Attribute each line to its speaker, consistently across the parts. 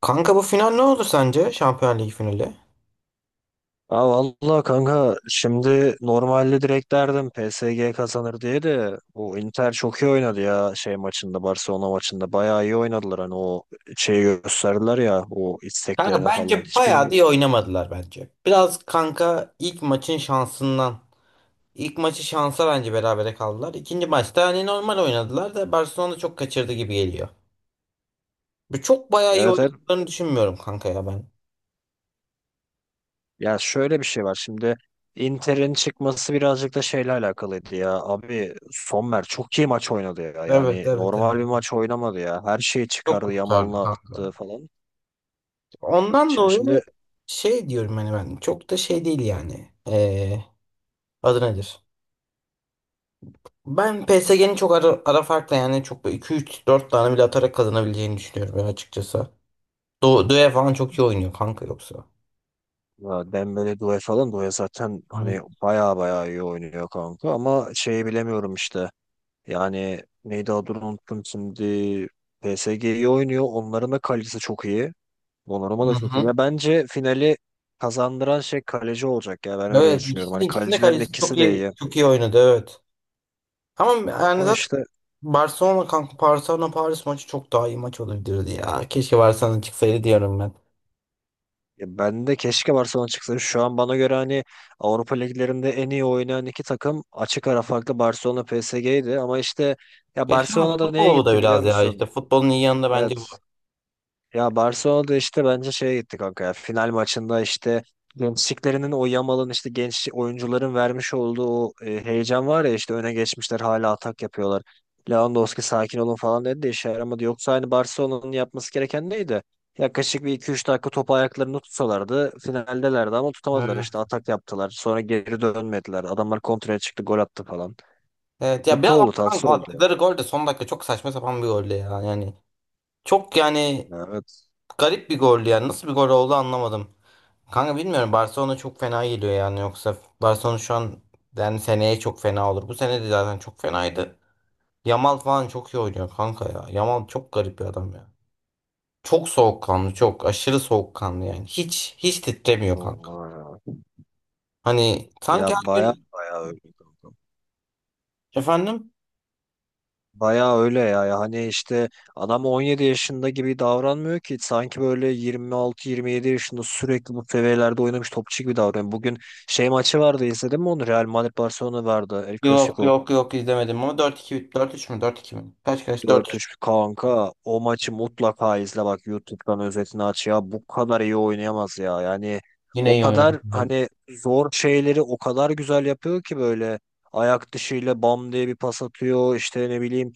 Speaker 1: Kanka bu final ne olur sence? Şampiyonlar Ligi finali.
Speaker 2: Ha valla kanka, şimdi normalde direkt derdim PSG kazanır diye, de bu Inter çok iyi oynadı ya. Şey maçında, Barcelona maçında bayağı iyi oynadılar, hani o şeyi gösterdiler ya, o
Speaker 1: Kanka
Speaker 2: isteklerini falan
Speaker 1: bence
Speaker 2: hiç
Speaker 1: bayağı da iyi
Speaker 2: bilmiyorum.
Speaker 1: oynamadılar bence. Biraz kanka ilk maçın şansından. İlk maçı şansa bence berabere kaldılar. İkinci maçta hani normal oynadılar da Barcelona çok kaçırdı gibi geliyor. Bu çok bayağı iyi
Speaker 2: Evet, evet.
Speaker 1: oynadıklarını düşünmüyorum kanka ya ben.
Speaker 2: Ya şöyle bir şey var şimdi, Inter'in çıkması birazcık da şeyle alakalıydı ya abi. Sommer çok iyi maç oynadı ya,
Speaker 1: Evet
Speaker 2: yani
Speaker 1: evet
Speaker 2: normal
Speaker 1: evet.
Speaker 2: bir maç oynamadı ya, her şeyi
Speaker 1: Çok
Speaker 2: çıkardı,
Speaker 1: kurtardı
Speaker 2: Yamal'ını
Speaker 1: kanka.
Speaker 2: attı falan.
Speaker 1: Ondan
Speaker 2: Ya
Speaker 1: dolayı
Speaker 2: Şimdi
Speaker 1: şey diyorum hani ben çok da şey değil yani. Adı nedir? Ben PSG'nin çok ara farkla yani çok 2-3-4 tane bile atarak kazanabileceğini düşünüyorum ya açıkçası. Doe falan çok iyi oynuyor kanka yoksa.
Speaker 2: Ya Dembele, Doué falan, Doué zaten hani
Speaker 1: Evet.
Speaker 2: baya baya iyi oynuyor kanka, ama şeyi bilemiyorum işte. Yani neydi adını unuttum şimdi. PSG iyi oynuyor. Onların da kalecisi çok iyi. Donnarumma
Speaker 1: Hı
Speaker 2: da çok iyi.
Speaker 1: hı.
Speaker 2: Ya bence finali kazandıran şey kaleci olacak ya, ben öyle
Speaker 1: Evet
Speaker 2: düşünüyorum.
Speaker 1: ikisinin
Speaker 2: Hani
Speaker 1: ikisinde
Speaker 2: kalecilerin
Speaker 1: kalecisi çok
Speaker 2: ikisi de
Speaker 1: iyi
Speaker 2: iyi.
Speaker 1: çok iyi oynadı evet. Ama yani
Speaker 2: Ama
Speaker 1: zaten
Speaker 2: işte
Speaker 1: Barcelona kanka, Barcelona Paris maçı çok daha iyi maç olabilirdi ya. Keşke Barcelona çıksaydı diyorum ben.
Speaker 2: Ya ben de keşke Barcelona çıksın. Şu an bana göre hani Avrupa liglerinde en iyi oynayan iki takım, açık ara farklı, Barcelona PSG'ydi, ama işte ya
Speaker 1: Keşke, ama
Speaker 2: Barcelona'da neye
Speaker 1: futbol bu da
Speaker 2: gitti biliyor
Speaker 1: biraz ya,
Speaker 2: musun?
Speaker 1: işte futbolun iyi yanı da bence
Speaker 2: Evet.
Speaker 1: bu.
Speaker 2: Ya Barcelona'da işte bence şeye gitti kanka ya. Final maçında işte gençliklerinin, o Yamal'ın, işte genç oyuncuların vermiş olduğu o heyecan var ya, işte öne geçmişler hala atak yapıyorlar. Lewandowski sakin olun falan dedi de işe yaramadı. Yoksa hani Barcelona'nın yapması gereken neydi? Yaklaşık bir iki üç dakika topu ayaklarını tutsalardı finaldelerdi, ama tutamadılar, işte
Speaker 1: Evet.
Speaker 2: atak yaptılar. Sonra geri dönmediler. Adamlar kontraya çıktı, gol attı falan.
Speaker 1: Evet ya,
Speaker 2: Kötü
Speaker 1: biraz ama
Speaker 2: oldu, tatsız
Speaker 1: kanka
Speaker 2: oldu ya.
Speaker 1: attıkları gol de son dakika çok saçma sapan bir golle ya yani. Çok yani,
Speaker 2: Ya, evet.
Speaker 1: garip bir goldü yani. Nasıl bir gol oldu anlamadım. Kanka bilmiyorum. Barcelona çok fena geliyor yani. Yoksa Barcelona şu an, yani seneye çok fena olur. Bu sene de zaten çok fenaydı. Yamal falan çok iyi oynuyor kanka ya. Yamal çok garip bir adam ya. Çok soğukkanlı, çok aşırı soğukkanlı yani. Hiç titremiyor kanka.
Speaker 2: Vallahi ya.
Speaker 1: Hani sanki
Speaker 2: Ya
Speaker 1: her
Speaker 2: baya
Speaker 1: gün
Speaker 2: baya öyle.
Speaker 1: efendim,
Speaker 2: Bayağı öyle ya. Ya hani işte adam 17 yaşında gibi davranmıyor ki. Sanki böyle 26-27 yaşında sürekli bu seviyelerde oynamış topçu gibi davranıyor. Bugün şey maçı vardı, izledin mi onu? Real Madrid Barcelona vardı. El
Speaker 1: yok
Speaker 2: Clasico.
Speaker 1: yok yok, izlemedim ama 4-2, 4-3 mü, 4-2 mi? Kaç kaç, 4-3.
Speaker 2: 4-3 kanka, o maçı mutlaka izle, bak YouTube'dan özetini aç ya, bu kadar iyi oynayamaz ya yani.
Speaker 1: Yine
Speaker 2: O
Speaker 1: iyi oynadı.
Speaker 2: kadar hani zor şeyleri o kadar güzel yapıyor ki, böyle ayak dışıyla bam diye bir pas atıyor, işte ne bileyim,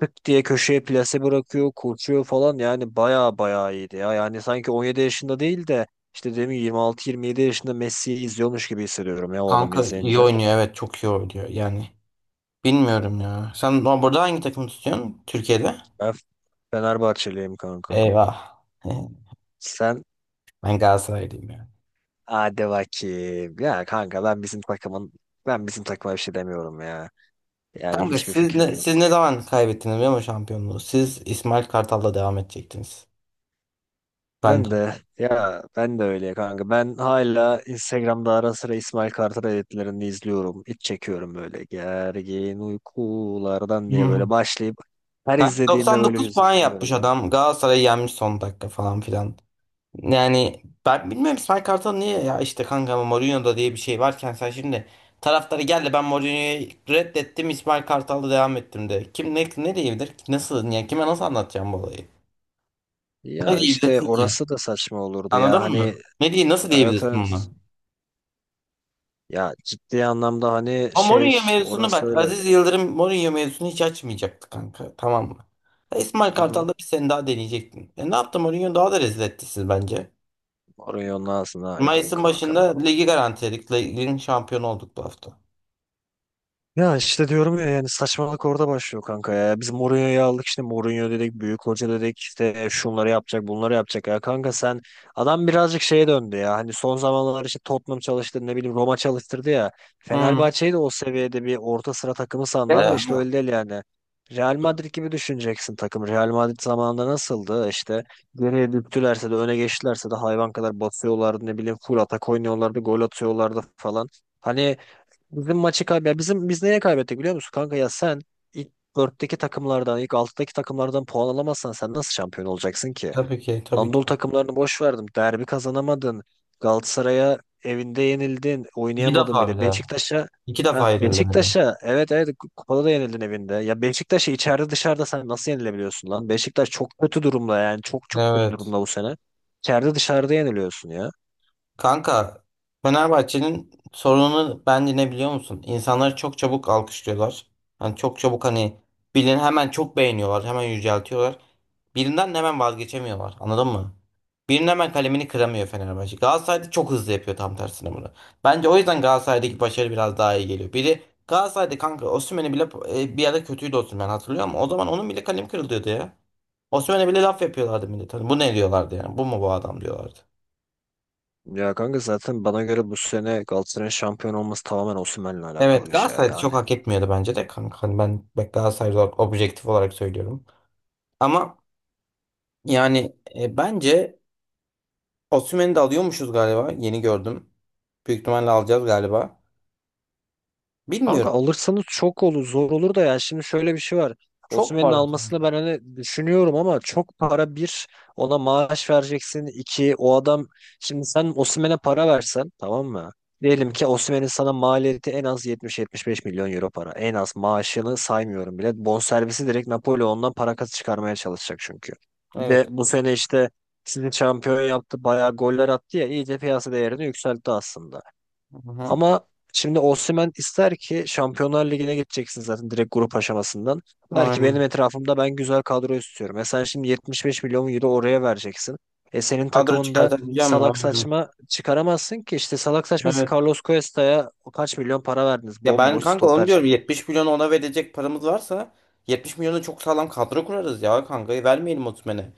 Speaker 2: tık diye köşeye plase bırakıyor, koşuyor falan. Yani baya baya iyiydi ya yani, sanki 17 yaşında değil de işte, demin 26-27 yaşında Messi'yi izliyormuş gibi hissediyorum ya o adamı
Speaker 1: Kanka iyi
Speaker 2: izleyince.
Speaker 1: oynuyor, evet çok iyi oynuyor yani. Bilmiyorum ya. Sen burada hangi takımı tutuyorsun? Türkiye'de?
Speaker 2: Ben Fenerbahçeliyim kanka,
Speaker 1: Eyvah.
Speaker 2: sen?
Speaker 1: Ben Galatasaraylıyım ya.
Speaker 2: Hadi bakayım. Ya kanka ben bizim takımın, ben bizim takıma bir şey demiyorum ya. Yani
Speaker 1: Kanka
Speaker 2: hiçbir fikrim
Speaker 1: siz
Speaker 2: yok.
Speaker 1: ne zaman kaybettiniz biliyor musun şampiyonluğu? Siz İsmail Kartal'la devam edecektiniz. Bence.
Speaker 2: Ben de ya, ben de öyle kanka. Ben hala Instagram'da ara sıra İsmail Kartal editlerini izliyorum. İç çekiyorum, böyle "gergin uykulardan" diye böyle
Speaker 1: Hmm.
Speaker 2: başlayıp, her
Speaker 1: Kanka
Speaker 2: izlediğimde böyle
Speaker 1: 99 puan yapmış
Speaker 2: hüzünleniyorum ya.
Speaker 1: adam. Galatasaray'ı yenmiş son dakika falan filan. Yani ben bilmiyorum İsmail Kartal niye ya, işte kanka ama Mourinho'da diye bir şey varken sen şimdi taraftarı geldi ben Mourinho'yu reddettim, İsmail Kartal'la devam ettim de. Kim ne diyebilir? Nasıl yani, kime nasıl anlatacağım bu olayı? Ne
Speaker 2: Ya işte
Speaker 1: diyebilirsin ki?
Speaker 2: orası da saçma olurdu ya.
Speaker 1: Anladın mı?
Speaker 2: Hani,
Speaker 1: Ne diye nasıl
Speaker 2: evet
Speaker 1: diyebilirsin ona?
Speaker 2: evet. Ya ciddi anlamda hani
Speaker 1: Ama
Speaker 2: şey,
Speaker 1: Mourinho mevzusunu,
Speaker 2: orası
Speaker 1: bak
Speaker 2: öyle.
Speaker 1: Aziz Yıldırım Mourinho mevzusunu hiç açmayacaktı kanka. Tamam mı? Ya İsmail
Speaker 2: Hı hı.
Speaker 1: Kartal'da bir sene daha deneyecektin. E ne yaptı Mourinho, daha da rezil etti siz bence.
Speaker 2: Orayı onun ağzına edeyim
Speaker 1: Mayıs'ın
Speaker 2: kanka ben.
Speaker 1: başında ligi garantiledik. Ligin şampiyonu olduk bu hafta.
Speaker 2: Ya işte diyorum ya, yani saçmalık orada başlıyor kanka ya. Biz Mourinho'yu aldık, işte Mourinho dedik, büyük hoca dedik, işte şunları yapacak, bunları yapacak ya. Kanka sen, adam birazcık şeye döndü ya. Hani son zamanlar işte Tottenham çalıştı, ne bileyim Roma çalıştırdı ya.
Speaker 1: Hmm.
Speaker 2: Fenerbahçe'yi de o seviyede bir orta sıra takımı sandı, ama işte
Speaker 1: Ama
Speaker 2: öyle değil yani. Real Madrid gibi düşüneceksin takım. Real Madrid zamanında nasıldı? İşte geriye düştülerse de öne geçtilerse de hayvan kadar basıyorlardı, ne bileyim full atak oynuyorlardı, gol atıyorlardı falan. Hani bizim maçı kaybı, bizim biz neye kaybettik biliyor musun kanka ya? Sen ilk dörtteki takımlardan, ilk altıdaki takımlardan puan alamazsan sen nasıl şampiyon olacaksın ki?
Speaker 1: tabii ki, tabii
Speaker 2: Anadolu
Speaker 1: ki.
Speaker 2: takımlarını boş verdim. Derbi kazanamadın. Galatasaray'a evinde yenildin.
Speaker 1: İki
Speaker 2: Oynayamadın
Speaker 1: defa bir
Speaker 2: bile.
Speaker 1: daha. İki defa yenildi.
Speaker 2: Beşiktaş'a, evet evet, kupada da yenildin evinde. Ya Beşiktaş'a içeride dışarıda sen nasıl yenilebiliyorsun lan? Beşiktaş çok kötü durumda, yani çok çok kötü
Speaker 1: Evet.
Speaker 2: durumda bu sene. İçeride dışarıda yeniliyorsun ya.
Speaker 1: Kanka Fenerbahçe'nin sorununu bence ne biliyor musun? İnsanları çok çabuk alkışlıyorlar. Hani çok çabuk, hani birini hemen çok beğeniyorlar. Hemen yüceltiyorlar. Birinden de hemen vazgeçemiyorlar. Anladın mı? Birinin hemen kalemini kıramıyor Fenerbahçe. Galatasaray'da çok hızlı yapıyor tam tersine bunu. Bence o yüzden Galatasaray'daki başarı biraz daha iyi geliyor. Biri Galatasaray'da kanka, Osimhen'i bile bir ara kötüydü Osimhen, hatırlıyor musun? O zaman onun bile kalemi kırılıyordu ya. Osimhen'e bile laf yapıyorlardı millet. Hani bu ne diyorlardı yani? Bu mu bu adam diyorlardı.
Speaker 2: Ya kanka zaten bana göre bu sene Galatasaray'ın şampiyon olması tamamen Osimhen'le alakalı
Speaker 1: Evet
Speaker 2: bir şey
Speaker 1: Galatasaray'da
Speaker 2: yani.
Speaker 1: çok hak etmiyordu bence de kanka. Hani ben bak Galatasaray olarak objektif olarak söylüyorum. Ama yani bence Osimhen'i de alıyormuşuz galiba. Yeni gördüm. Büyük ihtimalle alacağız galiba.
Speaker 2: Kanka
Speaker 1: Bilmiyorum.
Speaker 2: alırsanız çok olur, zor olur da ya, şimdi şöyle bir şey var.
Speaker 1: Çok
Speaker 2: Osimhen'in
Speaker 1: parlak.
Speaker 2: almasını ben hani düşünüyorum, ama çok para. Bir, ona maaş vereceksin. İki o adam, şimdi sen Osimhen'e para versen tamam mı? Diyelim ki Osimhen'in sana maliyeti en az 70-75 milyon euro para. En az, maaşını saymıyorum bile. Bonservisi direkt Napoli, ondan para kazı çıkarmaya çalışacak çünkü. Bir
Speaker 1: Evet.
Speaker 2: de bu sene işte sizi şampiyon yaptı, bayağı goller attı ya, iyice piyasa değerini yükseltti aslında.
Speaker 1: Hı hı.
Speaker 2: Ama şimdi Osimhen ister ki Şampiyonlar Ligi'ne gideceksin zaten direkt grup aşamasından. Der ki benim
Speaker 1: Aynen.
Speaker 2: etrafımda ben güzel kadro istiyorum. E sen şimdi 75 milyon euro oraya vereceksin. E senin
Speaker 1: Kadro
Speaker 2: takımında
Speaker 1: çıkartabileceğim mi?
Speaker 2: salak
Speaker 1: Aynen.
Speaker 2: saçma çıkaramazsın ki. İşte salak saçması,
Speaker 1: Evet.
Speaker 2: Carlos Cuesta'ya kaç milyon para verdiniz?
Speaker 1: Ya ben
Speaker 2: Bomboş
Speaker 1: kanka onu
Speaker 2: stoper.
Speaker 1: diyorum, 70 milyonu ona verecek paramız varsa 70 milyonu çok sağlam kadro kurarız ya kanka, vermeyelim Osimhen'e.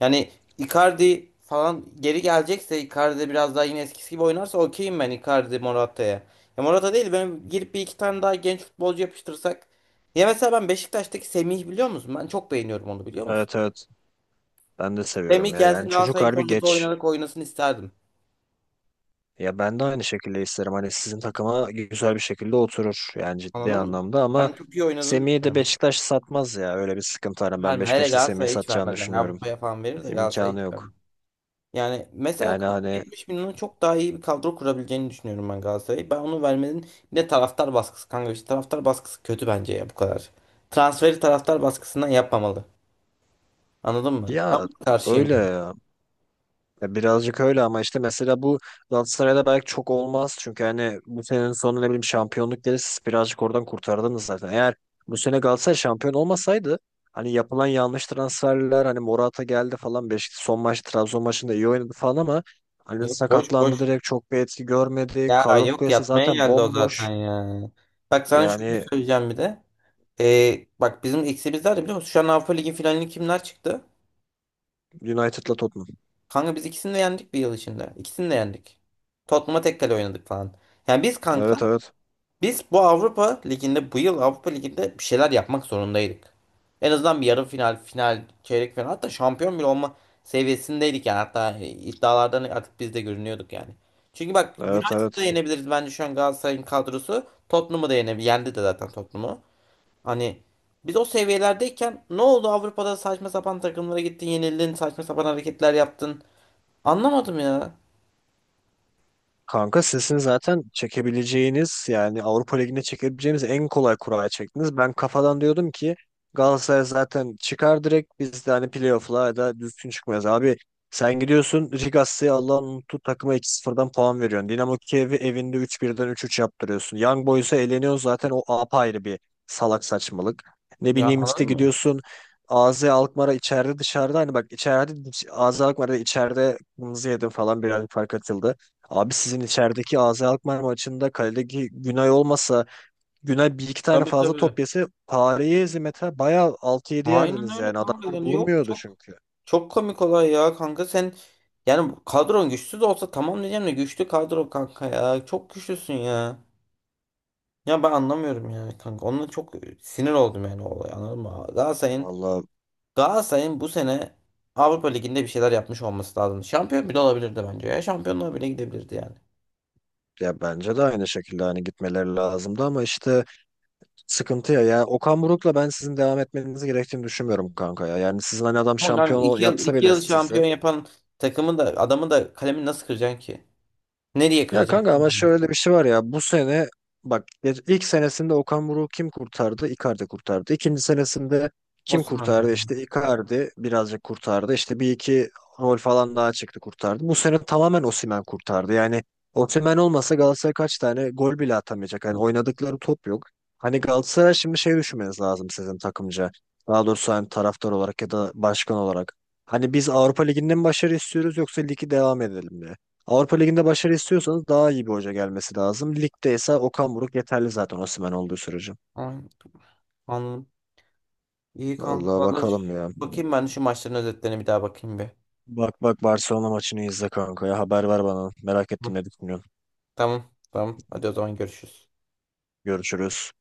Speaker 1: Yani Icardi falan geri gelecekse, Icardi de biraz daha yine eskisi gibi oynarsa okeyim ben Icardi Morata'ya. Ya Morata değil, ben girip bir iki tane daha genç futbolcu yapıştırsak. Ya mesela ben Beşiktaş'taki Semih, biliyor musun? Ben çok beğeniyorum onu, biliyor musun?
Speaker 2: Evet, evet. Ben de seviyorum
Speaker 1: Semih
Speaker 2: ya. Yani
Speaker 1: gelsin
Speaker 2: çocuk
Speaker 1: Galatasaray'ın
Speaker 2: harbi
Speaker 1: forveti
Speaker 2: geç.
Speaker 1: oynarak oynasın isterdim.
Speaker 2: Ya ben de aynı şekilde isterim. Hani sizin takıma güzel bir şekilde oturur. Yani ciddi
Speaker 1: Anladın mı?
Speaker 2: anlamda, ama
Speaker 1: Ben çok iyi oynadığını
Speaker 2: Semih'i de
Speaker 1: düşünüyorum.
Speaker 2: Beşiktaş satmaz ya. Öyle bir sıkıntı var. Ben
Speaker 1: Verme. Hele
Speaker 2: Beşiktaş'ın Semih'i
Speaker 1: Galatasaray'a hiç
Speaker 2: satacağını
Speaker 1: vermez. Yani
Speaker 2: düşünüyorum.
Speaker 1: Avrupa'ya falan verir de Galatasaray'a
Speaker 2: İmkanı
Speaker 1: hiç
Speaker 2: yok.
Speaker 1: vermez. Yani mesela
Speaker 2: Yani hani
Speaker 1: 70 milyona çok daha iyi bir kadro kurabileceğini düşünüyorum ben Galatasaray'ı. Ben onu vermenin, bir de taraftar baskısı kanka, işte taraftar baskısı kötü bence ya bu kadar. Transferi taraftar baskısından yapmamalı. Anladın mı? Ben
Speaker 2: ya,
Speaker 1: buna karşıyım.
Speaker 2: öyle. Ya birazcık öyle, ama işte mesela bu Galatasaray'da belki çok olmaz. Çünkü hani bu senenin sonu, ne bileyim, şampiyonluk gelirse siz birazcık oradan kurtardınız zaten. Eğer bu sene Galatasaray şampiyon olmasaydı, hani yapılan yanlış transferler, hani Morata geldi falan, Beşiktaş son maç Trabzon maçında iyi oynadı falan, ama hani
Speaker 1: Yok, boş
Speaker 2: sakatlandı
Speaker 1: boş.
Speaker 2: direkt, çok bir etki görmedi.
Speaker 1: Ya
Speaker 2: Carlos
Speaker 1: yok,
Speaker 2: Kuyası
Speaker 1: yatmaya
Speaker 2: zaten
Speaker 1: geldi o zaten
Speaker 2: bomboş.
Speaker 1: ya. Bak sana şunu
Speaker 2: Yani
Speaker 1: söyleyeceğim bir de. Bak bizim eksimiz nerede biliyor musun? Şu an Avrupa Ligi finalini kimler çıktı?
Speaker 2: United'la Tottenham.
Speaker 1: Kanka biz ikisini de yendik bir yıl içinde. İkisini de yendik. Tottenham'a tek kale oynadık falan. Yani biz
Speaker 2: Evet
Speaker 1: kanka,
Speaker 2: evet.
Speaker 1: biz bu Avrupa Ligi'nde, bu yıl Avrupa Ligi'nde bir şeyler yapmak zorundaydık. En azından bir yarı final, final, çeyrek final, hatta şampiyon bile olma seviyesindeydik yani, hatta iddialardan artık biz de görünüyorduk yani. Çünkü bak
Speaker 2: Evet
Speaker 1: United'ı da
Speaker 2: evet.
Speaker 1: yenebiliriz bence şu an Galatasaray'ın kadrosu. Tottenham'ı da yenebilir. Yendi de zaten Tottenham'ı. Hani biz o seviyelerdeyken ne oldu Avrupa'da, saçma sapan takımlara gittin, yenildin, saçma sapan hareketler yaptın. Anlamadım ya.
Speaker 2: Kanka sizin zaten çekebileceğiniz, yani Avrupa Ligi'ne çekebileceğiniz en kolay kuraya çektiniz. Ben kafadan diyordum ki Galatasaray zaten çıkar direkt, biz de hani playoff'la ya da düzgün çıkmayız. Abi sen gidiyorsun Rigassi'ye, Allah'ın unuttuğu takıma, 2-0'dan puan veriyorsun. Dinamo Kiev'i evinde 3-1'den 3-3 yaptırıyorsun. Young Boys'a eleniyor zaten, o apayrı bir salak saçmalık. Ne
Speaker 1: Ya
Speaker 2: bileyim işte
Speaker 1: anladın mı?
Speaker 2: gidiyorsun AZ Alkmaar'a, içeride dışarıda, hani bak içeride, AZ Alkmaar'da içeride kırmızı yedim falan, birazcık fark atıldı. Abi sizin içerideki AZ Alkmaar maçında kaledeki Günay olmasa, Günay bir iki tane
Speaker 1: Tabii,
Speaker 2: fazla top
Speaker 1: tabii.
Speaker 2: yese, Paris'i hizmete bayağı altı yedi
Speaker 1: Aynen
Speaker 2: yerdiniz
Speaker 1: öyle
Speaker 2: yani.
Speaker 1: kanka,
Speaker 2: Adamlar
Speaker 1: yani yok
Speaker 2: durmuyordu
Speaker 1: çok
Speaker 2: çünkü.
Speaker 1: çok komik olay ya kanka sen, yani kadron güçsüz de olsa tamam diyeceğim de, güçlü kadro kanka, ya çok güçlüsün ya. Ya ben anlamıyorum yani kanka, onunla çok sinir oldum yani o olay, anladın mı? Galatasaray'ın
Speaker 2: Vallahi
Speaker 1: Galatasaray'ın bu sene Avrupa Ligi'nde bir şeyler yapmış olması lazım. Şampiyon bile olabilirdi bence ya, şampiyonluğa bile gidebilirdi yani.
Speaker 2: ya, bence de aynı şekilde hani gitmeleri lazımdı, ama işte sıkıntı ya. Ya Okan Buruk'la ben sizin devam etmenizi gerektiğini düşünmüyorum kanka ya. Yani sizin hani adam
Speaker 1: Ama kanka
Speaker 2: şampiyon
Speaker 1: iki yıl
Speaker 2: yapsa
Speaker 1: iki
Speaker 2: bile
Speaker 1: yıl
Speaker 2: sizi.
Speaker 1: şampiyon yapan takımı da adamı da kalemi nasıl kıracaksın ki? Nereye
Speaker 2: Ya kanka
Speaker 1: kıracaksın
Speaker 2: ama
Speaker 1: ki?
Speaker 2: şöyle bir şey var ya, bu sene bak, ilk senesinde Okan Buruk kim kurtardı? Icardi kurtardı. İkinci senesinde kim
Speaker 1: Osman
Speaker 2: kurtardı?
Speaker 1: kırdı.
Speaker 2: İşte Icardi birazcık kurtardı. İşte bir iki rol falan daha çıktı, kurtardı. Bu sene tamamen Osimhen kurtardı. Yani Osimhen olmasa Galatasaray kaç tane gol bile atamayacak. Hani oynadıkları top yok. Hani Galatasaray şimdi şey düşünmeniz lazım, sizin takımca. Daha doğrusu hani taraftar olarak ya da başkan olarak. Hani biz Avrupa Ligi'nden mi başarı istiyoruz, yoksa ligi devam edelim mi? Avrupa Ligi'nde başarı istiyorsanız daha iyi bir hoca gelmesi lazım. Ligde ise Okan Buruk yeterli zaten, Osimhen olduğu sürece.
Speaker 1: Aynen. Anladım. İyi kanka
Speaker 2: Vallahi
Speaker 1: valla,
Speaker 2: bakalım ya.
Speaker 1: bakayım ben şu maçların özetlerine bir daha, bakayım bir.
Speaker 2: Bak bak, Barcelona maçını izle kanka ya. Haber ver bana. Merak
Speaker 1: Hı.
Speaker 2: ettim ne düşünüyorsun.
Speaker 1: Tamam tamam, hadi o zaman görüşürüz.
Speaker 2: Görüşürüz.